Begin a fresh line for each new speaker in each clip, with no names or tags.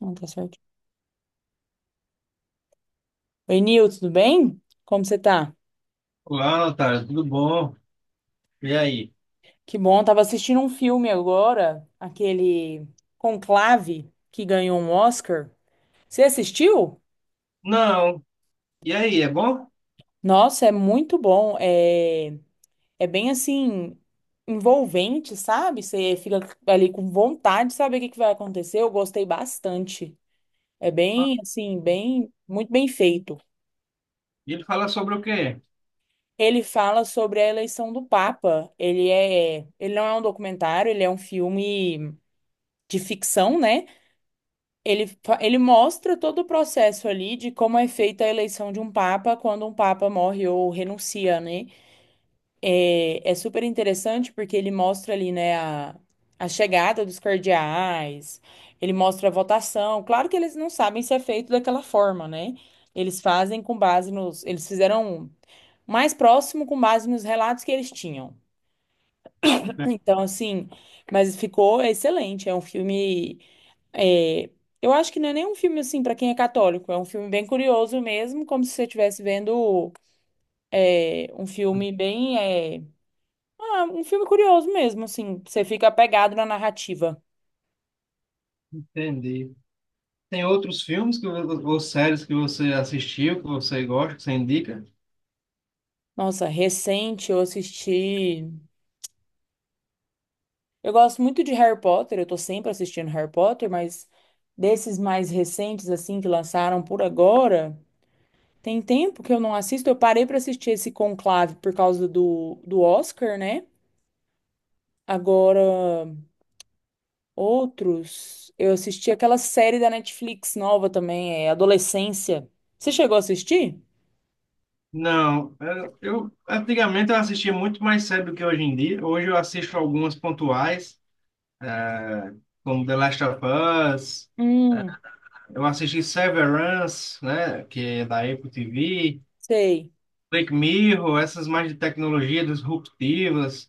Não, tá certo. Oi, Nil, tudo bem? Como você tá?
Olá, Otário, tudo bom? E aí?
Que bom, tava assistindo um filme agora, aquele Conclave, que ganhou um Oscar. Você assistiu?
Não. E aí, é bom?
Nossa, é muito bom. É bem assim, envolvente, sabe? Você fica ali com vontade de saber o que vai acontecer. Eu gostei bastante. É
Bom.
bem assim, muito bem feito.
E ele fala sobre o quê?
Ele fala sobre a eleição do Papa. Ele não é um documentário, ele é um filme de ficção, né? Ele mostra todo o processo ali de como é feita a eleição de um papa quando um papa morre ou renuncia, né? É super interessante porque ele mostra ali, né, a chegada dos cardeais, ele mostra a votação. Claro que eles não sabem se é feito daquela forma, né? Eles fazem com base nos. Eles fizeram mais próximo com base nos relatos que eles tinham. Então, assim, mas ficou excelente. É um filme. É, eu acho que não é nem um filme assim pra quem é católico, é um filme bem curioso mesmo, como se você estivesse vendo um filme um filme curioso mesmo, assim, você fica apegado na narrativa.
Entendi. Tem outros filmes ou séries que você assistiu, que você gosta, que você indica?
Nossa, recente eu assisti. Eu gosto muito de Harry Potter, eu tô sempre assistindo Harry Potter, mas desses mais recentes assim que lançaram por agora, tem tempo que eu não assisto. Eu parei pra assistir esse Conclave por causa do Oscar, né? Agora outros, eu assisti aquela série da Netflix nova também, é Adolescência. Você chegou a assistir?
Não. Antigamente eu assistia muito mais série do que hoje em dia. Hoje eu assisto algumas pontuais, eh, como The Last of Us.
Hum,
Eu assisti Severance, né, que é da Apple TV.
sei.
Black Mirror, essas mais de tecnologia disruptivas.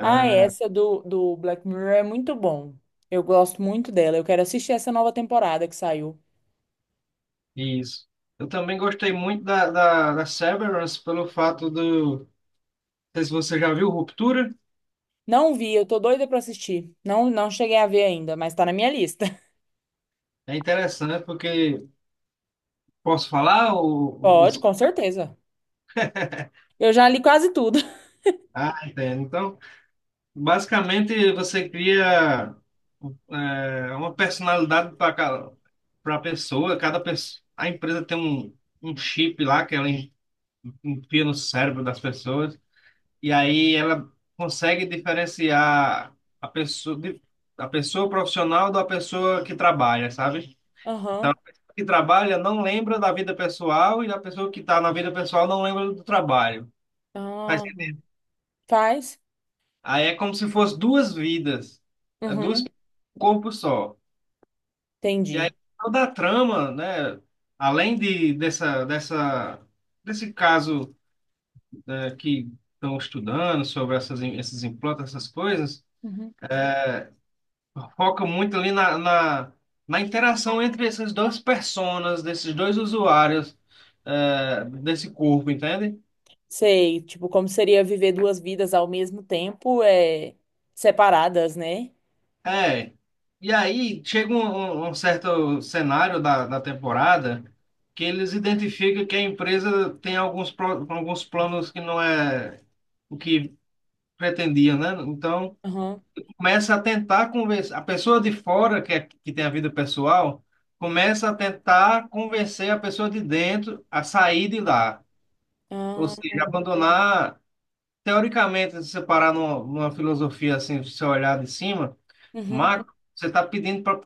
Ah, é, essa do Black Mirror é muito bom. Eu gosto muito dela. Eu quero assistir essa nova temporada que saiu.
Isso. Eu também gostei muito da Severance pelo fato do. Não sei se você já viu Ruptura.
Não vi, eu tô doida pra assistir. Não, não cheguei a ver ainda, mas tá na minha lista.
É interessante porque. Posso falar?
Pode, com certeza. Eu já li quase tudo.
Ah, entendo. Então, basicamente, você cria uma personalidade para cada pra pessoa. Cada pessoa. A empresa tem um chip lá que enfia no cérebro das pessoas. E aí ela consegue diferenciar a pessoa profissional da pessoa que trabalha, sabe? Então, a
Aham.
pessoa que trabalha não lembra da vida pessoal e a pessoa que está na vida pessoal não lembra do trabalho. Mas
Ah, faz?
aí é como se fosse duas vidas, é duas
Uhum.
um corpo só. E aí
Entendi.
toda a trama, né? Além de dessa dessa desse caso, né, que estão estudando sobre essas esses implantes, essas coisas.
Uhum.
Foca muito ali na interação entre essas duas personas, desses dois usuários, é, desse corpo, entende?
Sei, tipo, como seria viver duas vidas ao mesmo tempo, separadas, né?
É. E aí chega um certo cenário da temporada que eles identificam que a empresa tem alguns planos que não é o que pretendia, né? Então
Aham,
começa a tentar convencer. A pessoa de fora, que, é, que tem a vida pessoal, começa a tentar convencer a pessoa de dentro a sair de lá. Ou
ah,
seja, abandonar, teoricamente, se você parar numa filosofia assim, se você olhar de cima,
uhum,
macro, você está pedindo para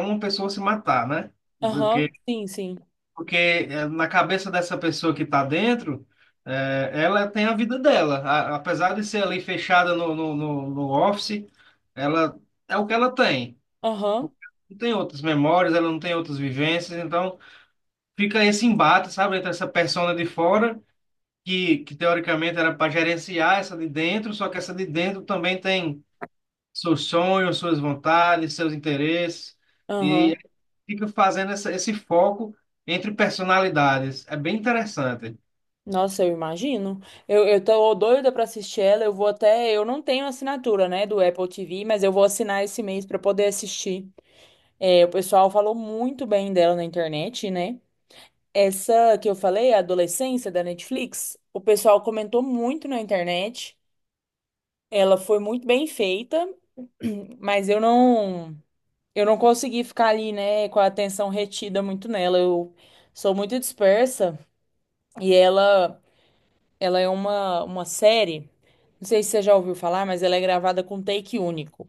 uma pessoa se matar, né?
aham,
Porque,
sim, sim,
porque na cabeça dessa pessoa que está dentro, ela tem a vida dela. Apesar de ser ali fechada no office, ela é o que ela tem.
aham,
Não tem outras memórias, ela não tem outras vivências, então fica esse embate, sabe, entre essa persona de fora que teoricamente era para gerenciar essa de dentro, só que essa de dentro também tem seus sonhos, suas vontades, seus interesses, e
aham.
fica fazendo esse foco entre personalidades. É bem interessante.
Nossa, eu imagino. Eu tô doida pra assistir ela, eu vou até, eu não tenho assinatura, né, do Apple TV, mas eu vou assinar esse mês pra poder assistir. É, o pessoal falou muito bem dela na internet, né? Essa que eu falei, a Adolescência da Netflix, o pessoal comentou muito na internet. Ela foi muito bem feita, mas eu não, eu não consegui ficar ali, né, com a atenção retida muito nela. Eu sou muito dispersa e ela é uma série. Não sei se você já ouviu falar, mas ela é gravada com take único.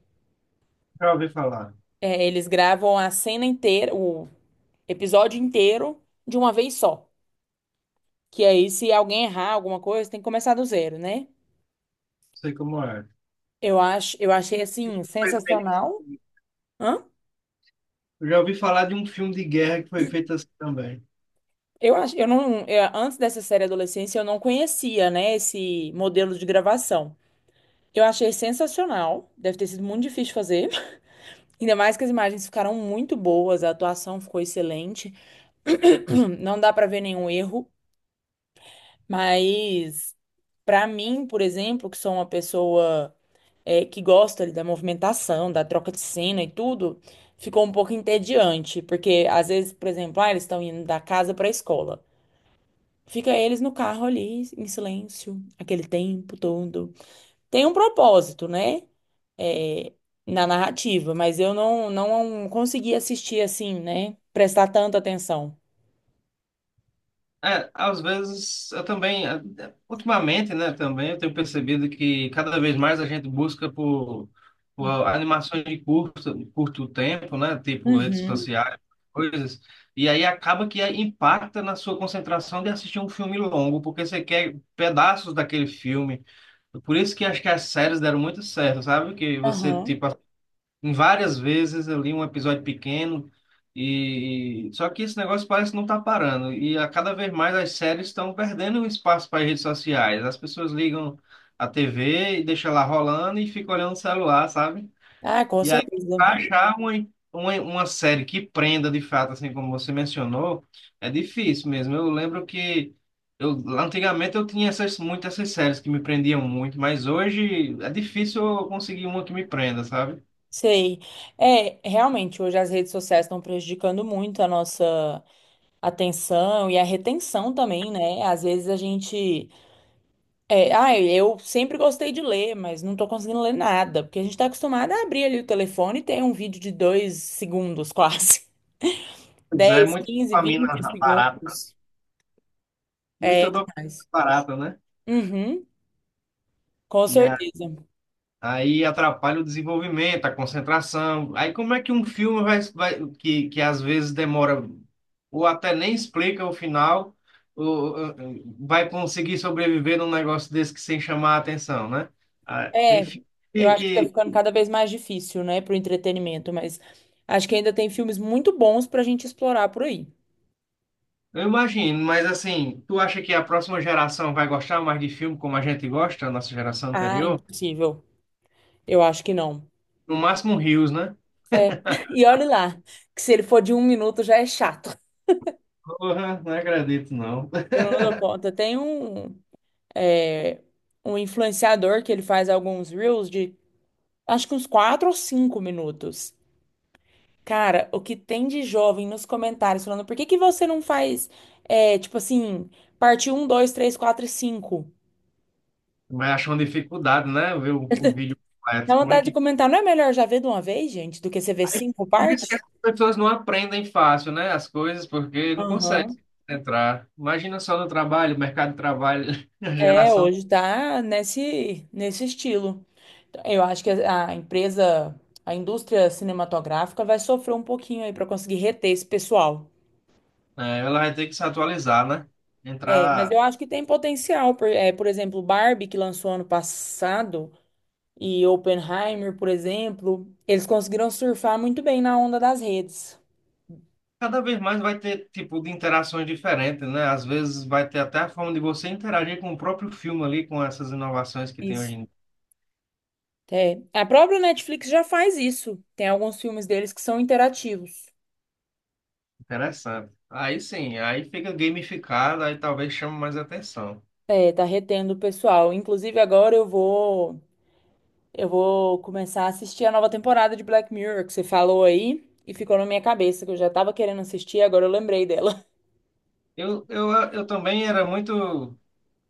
Já ouvi falar,
É, eles gravam a cena inteira, o episódio inteiro de uma vez só. Que aí, se alguém errar alguma coisa, tem que começar do zero, né?
sei como é.
Eu achei assim
Perfeito.
sensacional. Hã?
Eu já ouvi falar de um filme de guerra que foi feito assim também.
Eu acho, eu não, eu- antes dessa série Adolescência, eu não conhecia, né, esse modelo de gravação. Eu achei sensacional, deve ter sido muito difícil fazer. Ainda mais que as imagens ficaram muito boas, a atuação ficou excelente. Não dá pra ver nenhum erro, mas pra mim, por exemplo, que sou uma pessoa que gosta ali, da movimentação, da troca de cena e tudo, ficou um pouco entediante, porque às vezes, por exemplo, ah, eles estão indo da casa pra escola. Fica eles no carro ali, em silêncio, aquele tempo todo. Tem um propósito, né? É, na narrativa, mas eu não, não consegui assistir assim, né? Prestar tanta atenção.
É, às vezes eu também, ultimamente, né, também eu tenho percebido que cada vez mais a gente busca por animações de curto tempo, né, tipo redes
Uhum.
sociais, coisas, e aí acaba que impacta na sua concentração de assistir um filme longo, porque você quer pedaços daquele filme. Por isso que acho que as séries deram muito certo, sabe? Que você,
Aham.
tipo, em várias vezes eu li um episódio pequeno e só que esse negócio parece que não tá parando e a cada vez mais as séries estão perdendo espaço para as redes sociais. As pessoas ligam a TV e deixam lá rolando e ficam olhando o celular, sabe?
Ah, com
E aí pra
certeza.
achar uma série que prenda de fato, assim como você mencionou, é difícil mesmo. Eu lembro que eu antigamente eu tinha essas muitas essas séries que me prendiam muito, mas hoje é difícil eu conseguir uma que me prenda, sabe?
Sei. É, realmente, hoje as redes sociais estão prejudicando muito a nossa atenção e a retenção também, né? Às vezes a gente é, ai, eu sempre gostei de ler, mas não tô conseguindo ler nada, porque a gente tá acostumado a abrir ali o telefone e tem um vídeo de dois segundos, quase.
Pois é,
Dez,
muita
15, 20
dopamina barata.
segundos. É
Muita dopamina
demais.
barata, né?
Uhum, com
E a-
certeza.
Aí atrapalha o desenvolvimento, a concentração. Aí como é que um filme que às vezes demora, ou até nem explica o final, ou, vai conseguir sobreviver num negócio desse que sem chamar a atenção, né? Ah, tem
É,
filme
eu
que,
acho que tá
que-
ficando cada vez mais difícil, né, pro entretenimento, mas acho que ainda tem filmes muito bons pra gente explorar por aí.
eu imagino, mas assim, tu acha que a próxima geração vai gostar mais de filme como a gente gosta, a nossa geração
Ah,
anterior?
impossível. Eu acho que não.
No máximo Rios, né?
E olhe lá, que se ele for de um minuto já é chato.
Porra, não acredito, não.
Eu não dou conta. É, um influenciador que ele faz alguns reels de acho que uns 4 ou 5 minutos. Cara, o que tem de jovem nos comentários falando por que que você não faz, tipo assim, parte um 2 3 4 e cinco.
Vai achar uma dificuldade, né? Ver o vídeo
Dá
completo. Como é
vontade de
que.
comentar, não é melhor já ver de uma vez, gente, do que você ver cinco
Por isso que
partes?
as pessoas não aprendem fácil, né? As coisas, porque não conseguem
Aham.
entrar. Imagina só no trabalho, mercado de trabalho, a
É,
geração.
hoje tá nesse, nesse estilo. Então, eu acho que a empresa, a indústria cinematográfica vai sofrer um pouquinho aí para conseguir reter esse pessoal.
É, ela vai ter que se atualizar, né?
É, mas
Entrar.
eu acho que tem potencial. Por exemplo, Barbie, que lançou ano passado, e Oppenheimer, por exemplo, eles conseguiram surfar muito bem na onda das redes.
Cada vez mais vai ter tipo de interações diferentes, né? Às vezes vai ter até a forma de você interagir com o próprio filme ali, com essas inovações que tem hoje
Isso.
em dia.
É. A própria Netflix já faz isso. Tem alguns filmes deles que são interativos.
Interessante. Aí sim, aí fica gamificado, aí talvez chame mais atenção.
É, tá retendo o pessoal. Inclusive, eu vou começar a assistir a nova temporada de Black Mirror, que você falou aí, e ficou na minha cabeça, que eu já tava querendo assistir, agora eu lembrei dela.
Eu também era muito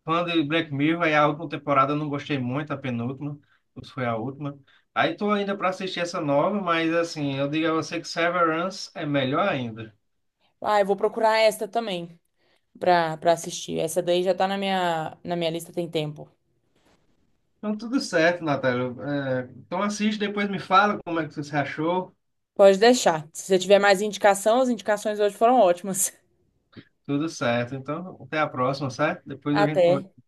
fã de Black Mirror, aí a última temporada eu não gostei muito, a penúltima, ou se foi a última. Aí tô ainda para assistir essa nova, mas assim, eu digo a você que Severance é melhor ainda.
Ah, eu vou procurar esta também pra assistir. Essa daí já tá na minha lista tem tempo.
Então tudo certo, Natália. É, então assiste, depois me fala como é que você achou.
Pode deixar. Se você tiver mais indicação, as indicações hoje foram ótimas.
Tudo certo. Então até a próxima, certo? Depois a gente
Até.
conversa.